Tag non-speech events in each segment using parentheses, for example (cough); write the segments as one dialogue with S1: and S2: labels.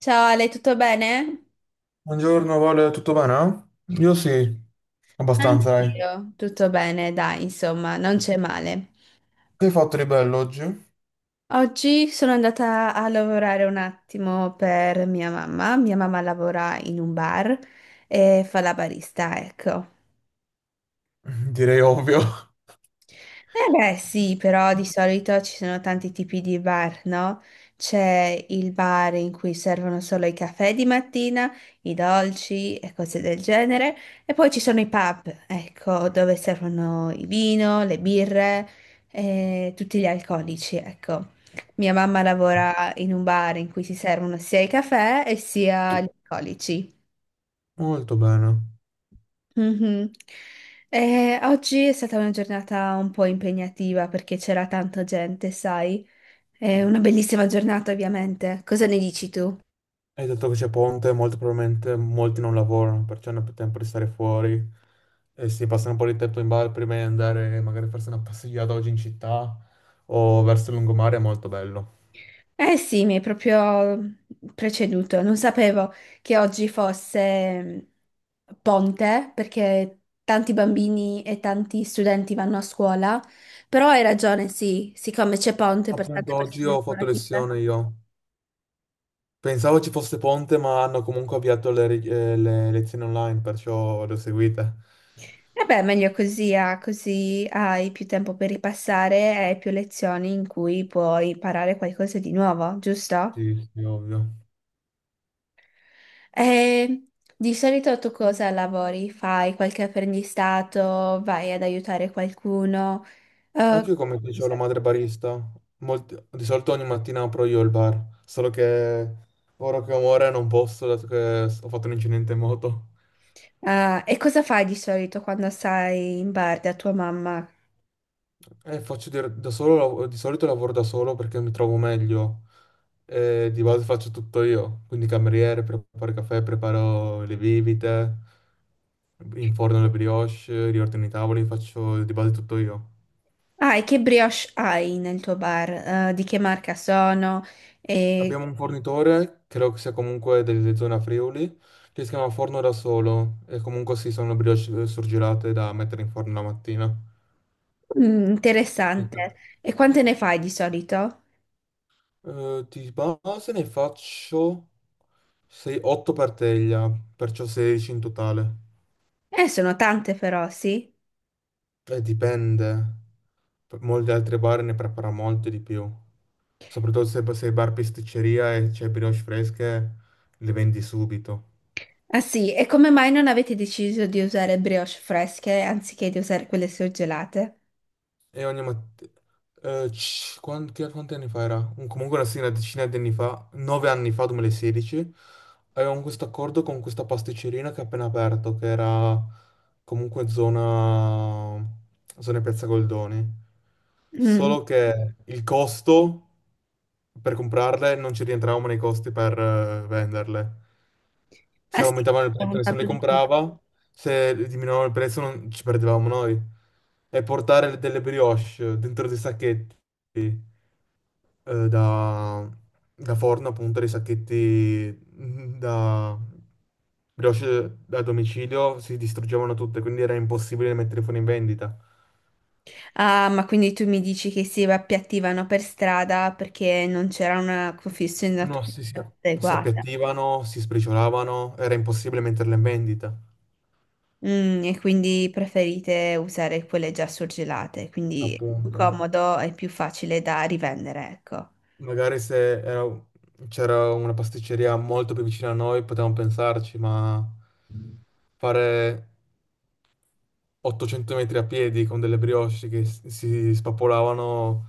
S1: Ciao Ale, tutto bene?
S2: Buongiorno, Vale, tutto bene? Io sì,
S1: Anch'io.
S2: abbastanza, dai.
S1: Io, tutto bene, dai, insomma, non c'è male.
S2: Che hai fatto di bello oggi?
S1: Oggi sono andata a lavorare un attimo per mia mamma. Mia mamma lavora in un bar e fa la barista, ecco.
S2: (laughs) Direi ovvio.
S1: Eh beh, sì, però di solito ci sono tanti tipi di bar, no? C'è il bar in cui servono solo i caffè di mattina, i dolci e cose del genere, e poi ci sono i pub, ecco, dove servono il vino, le birre e tutti gli alcolici, ecco. Mia mamma lavora in un bar in cui si servono sia i caffè e sia gli alcolici.
S2: Molto bene.
S1: Mhm. Oggi è stata una giornata un po' impegnativa perché c'era tanta gente, sai? È una bellissima giornata, ovviamente. Cosa ne dici tu?
S2: Hai detto che c'è ponte, molto probabilmente molti non lavorano, perciò hanno più tempo di stare fuori e si passano un po' di tempo in bar prima di andare magari a farsi una passeggiata oggi in città o verso il lungomare, è molto bello.
S1: Eh sì, mi hai proprio preceduto. Non sapevo che oggi fosse ponte perché tanti bambini e tanti studenti vanno a scuola, però hai ragione, sì, siccome c'è ponte per tante
S2: Appunto, oggi
S1: persone
S2: ho fatto
S1: lavorative.
S2: lezione io. Pensavo ci fosse Ponte, ma hanno comunque avviato le lezioni online, perciò l'ho seguita.
S1: Vabbè, meglio così, ah, così hai più tempo per ripassare e più lezioni in cui puoi imparare qualcosa di nuovo, giusto?
S2: Sì, sì, ovvio.
S1: E di solito tu cosa lavori? Fai qualche apprendistato? Vai ad aiutare qualcuno? Eh,
S2: Anche io, come
S1: mi
S2: dicevo, la
S1: sa-
S2: madre barista. Di solito ogni mattina apro io il bar, solo che ora che muore non posso, dato che ho fatto un incidente in moto.
S1: Ah, e cosa fai di solito quando stai in bar da tua mamma?
S2: E faccio da solo, di solito lavoro da solo perché mi trovo meglio. Di base faccio tutto io, quindi cameriere, preparo il caffè, preparo le bibite, inforno le brioche, riordino i tavoli, faccio di base tutto io.
S1: Ah, e che brioche hai nel tuo bar? Di che marca sono? E-
S2: Abbiamo un fornitore, credo che sia comunque delle zone a Friuli, che si chiama Forno da Solo e comunque sì, sono brioche surgelate da mettere in forno la mattina.
S1: mm, interessante. E quante ne fai di solito?
S2: Di base ne faccio 8 per teglia, perciò 16 in totale.
S1: Sono tante però, sì.
S2: Dipende. Molti altri bar ne prepara molto di più. Soprattutto se il bar pasticceria e c'è brioche fresche, le vendi subito.
S1: Ah sì, e come mai non avete deciso di usare brioche fresche anziché di usare quelle surgelate?
S2: E ogni mattina. Quanti anni fa era? Comunque sì, una decina di anni fa, 9 anni fa, 2016, avevamo questo accordo con questa pasticcerina che ha appena aperto, che era comunque zona Piazza Goldoni.
S1: Mm.
S2: Solo che il costo per comprarle non ci rientravamo nei costi per venderle.
S1: Ah
S2: Se
S1: sì,
S2: aumentavano il
S1: ho
S2: prezzo nessuno le
S1: votato di più.
S2: comprava, se diminuivano il prezzo non ci perdevamo noi. E portare delle brioche dentro dei sacchetti eh, da, da forno, appunto, dei sacchetti da brioche da domicilio, si distruggevano tutte, quindi era impossibile mettere fuori in vendita.
S1: Ah, ma quindi tu mi dici che si appiattivano per strada perché non c'era una
S2: No,
S1: confezionatura
S2: si
S1: adeguata.
S2: appiattivano, si spriciolavano, era impossibile metterle in vendita,
S1: Mm, e quindi preferite usare quelle già surgelate, quindi è più
S2: appunto.
S1: comodo e più facile da rivendere, ecco.
S2: Magari se era- c'era una pasticceria molto più vicina a noi potevamo pensarci, ma fare 800 metri a piedi con delle brioche che si spappolavano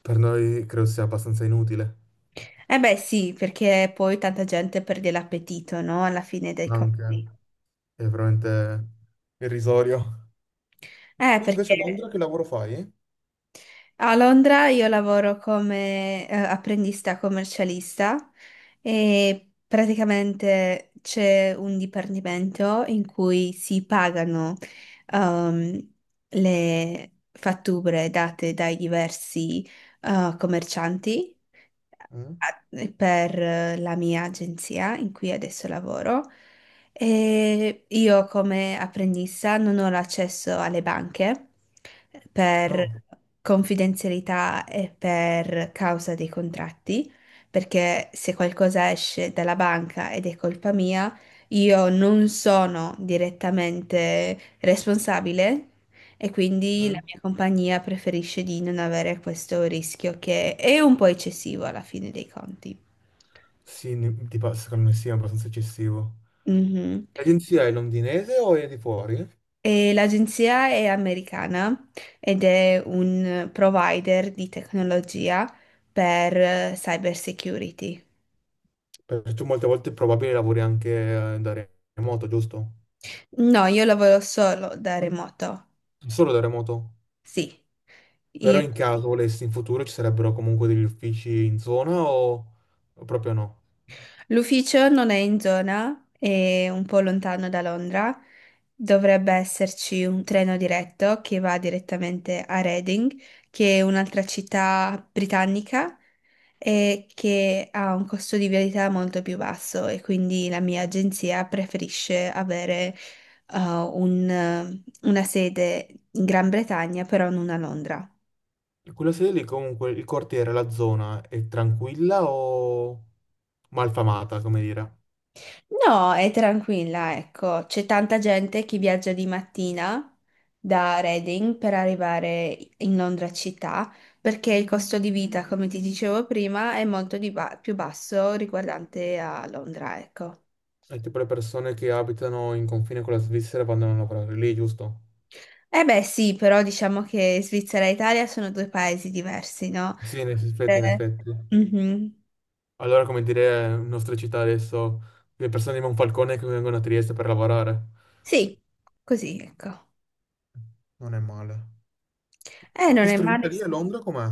S2: per noi credo sia abbastanza inutile.
S1: Eh beh sì, perché poi tanta gente perde l'appetito, no? Alla fine dei conti.
S2: Anche è veramente irrisorio. Tu invece
S1: Perché
S2: a Londra che lavoro fai?
S1: a Londra io lavoro come apprendista commercialista e praticamente c'è un dipartimento in cui si pagano ehm, le fatture date dai diversi commercianti
S2: Mm?
S1: a- per la mia agenzia in cui adesso lavoro. E io come apprendista non ho l'accesso alle banche per
S2: No.
S1: confidenzialità e per causa dei contratti, perché se qualcosa esce dalla banca ed è colpa mia, io non sono direttamente responsabile e quindi la
S2: Mm?
S1: mia compagnia preferisce di non avere questo rischio che è un po' eccessivo alla fine dei conti.
S2: Sì, tipo, secondo me sì, è abbastanza eccessivo.
S1: Mhm.
S2: L'agenzia è londinese o è di fuori?
S1: E l'agenzia è americana ed è un provider di tecnologia per cyber security.
S2: Perché tu molte volte è probabile lavori anche da remoto, giusto?
S1: No, io lavoro solo da remoto.
S2: Solo da remoto.
S1: Sì,
S2: Però
S1: io.
S2: in caso volessi in futuro ci sarebbero comunque degli uffici in zona o proprio no?
S1: L'ufficio non è in zona, è un po' lontano da Londra. Dovrebbe esserci un treno diretto che va direttamente a Reading, che è un'altra città britannica e che ha un costo di viabilità molto più basso e quindi la mia agenzia preferisce avere una sede in Gran Bretagna, però non a Londra.
S2: Quella sede lì comunque il quartiere, la zona è tranquilla o malfamata, come dire?
S1: No, è tranquilla, ecco. C'è tanta gente che viaggia di mattina da Reading per arrivare in Londra città, perché il costo di vita, come ti dicevo prima, è molto più basso riguardante a Londra, ecco.
S2: È tipo le persone che abitano in confine con la Svizzera vanno a lavorare lì, giusto?
S1: Eh beh, sì, però diciamo che Svizzera e Italia sono due paesi diversi, no?
S2: Sì, in effetti, in
S1: Eh,
S2: effetti.
S1: mhm.
S2: Allora, come dire, in nostra città adesso, le persone di Monfalcone che vengono a Trieste per lavorare.
S1: Sì, così, ecco.
S2: Non è male.
S1: Non è
S2: Costruita
S1: male.
S2: lì a Londra com'è?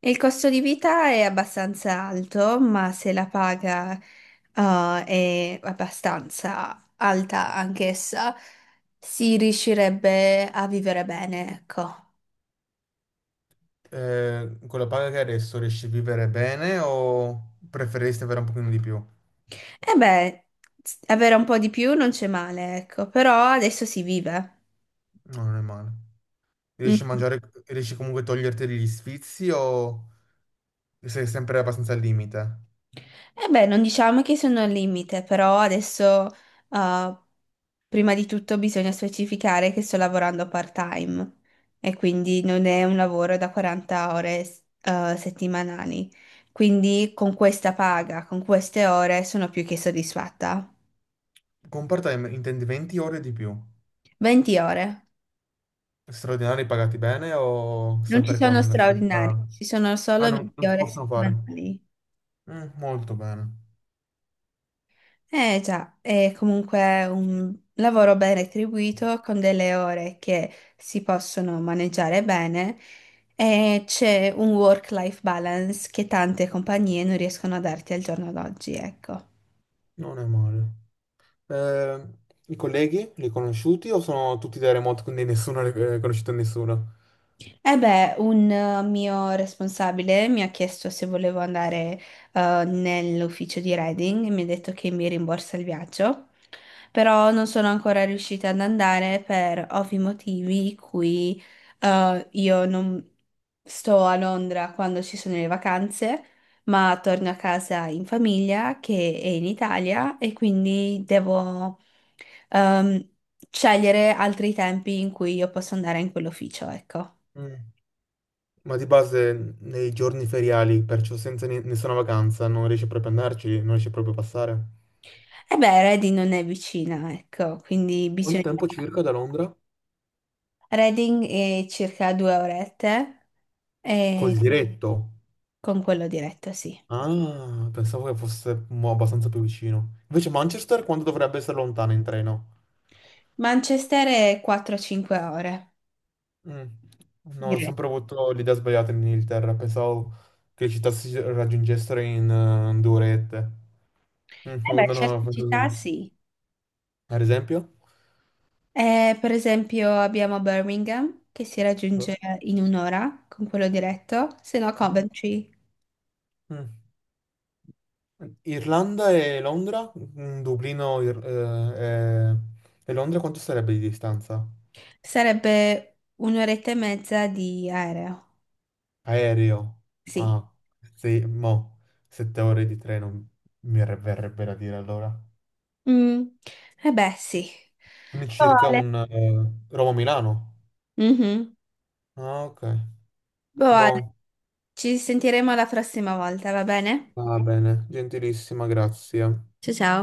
S1: Il costo di vita è abbastanza alto, ma se la paga, è abbastanza alta anch'essa, si riuscirebbe a vivere bene, ecco.
S2: Con la paga che hai adesso riesci a vivere bene o preferiresti avere un pochino di più?
S1: E beh, avere un po' di più non c'è male, ecco, però adesso si vive.
S2: No, non è male. Riesci a
S1: Mm.
S2: mangiare, riesci comunque a toglierti degli sfizi o sei sempre abbastanza al limite?
S1: Eh beh, non diciamo che sono al limite, però adesso, eh, prima di tutto bisogna specificare che sto lavorando part-time e quindi non è un lavoro da 40 ore, settimanali. Quindi con questa paga, con queste ore, sono più che soddisfatta.
S2: Con part-time intendi 20 ore di più.
S1: 20 ore.
S2: Straordinari pagati bene o
S1: Non ci
S2: sempre
S1: sono
S2: con la
S1: straordinari,
S2: stessa.
S1: ci sono
S2: Ah,
S1: solo
S2: no,
S1: 20
S2: non si
S1: ore
S2: possono fare.
S1: settimanali.
S2: Molto bene.
S1: Eh già, è comunque un lavoro ben retribuito con delle ore che si possono maneggiare bene e c'è un work-life balance che tante compagnie non riescono a darti al giorno d'oggi, ecco.
S2: Non è male. Eh, I colleghi li hai conosciuti o sono tutti da remoto, quindi nessuno ha riconosciuto nessuno?
S1: Eh beh, un mio responsabile mi ha chiesto se volevo andare nell'ufficio di Reading e mi ha detto che mi rimborsa il viaggio, però non sono ancora riuscita ad andare per ovvi motivi, in cui io non sto a Londra quando ci sono le vacanze, ma torno a casa in famiglia che è in Italia e quindi devo ehm, scegliere altri tempi in cui io posso andare in quell'ufficio, ecco.
S2: Mm. Ma di base nei giorni feriali, perciò senza nessuna vacanza, non riesci proprio ad andarci, non riesci proprio a passare.
S1: E beh, Reading non è vicina, ecco, quindi
S2: Quanto
S1: bisogna...
S2: tempo circa da Londra?
S1: Reading è circa 2 orette e
S2: Col diretto.
S1: con quello diretto, sì.
S2: Ah, pensavo che fosse abbastanza più vicino. Invece Manchester quanto dovrebbe essere lontana in treno?
S1: Manchester è 4-5 ore
S2: Mm. No, ho sempre
S1: diretto.
S2: avuto l'idea sbagliata in Inghilterra, pensavo che le città si raggiungessero in 2 orette. Mm,
S1: Eh
S2: oh,
S1: beh,
S2: no, no,
S1: certe città
S2: così.
S1: sì.
S2: Ad esempio?
S1: Per esempio abbiamo Birmingham, che si raggiunge in un'ora con quello diretto, se no
S2: Mm.
S1: Coventry
S2: Mm. Irlanda e Londra? Dublino e Londra quanto sarebbe di distanza?
S1: sarebbe un'oretta e mezza di aereo,
S2: Aereo.
S1: sì.
S2: Ah, sì, 7 ore di treno verrebbe da dire allora.
S1: Mm. Eh beh, sì.
S2: Quindi
S1: Boh,
S2: circa
S1: Ale.
S2: un Roma-Milano.
S1: Mhm.
S2: Ah, ok.
S1: Boh, Ale,
S2: Boh,
S1: ci sentiremo la prossima volta, va bene?
S2: va bene, gentilissima, grazie.
S1: Ciao ciao.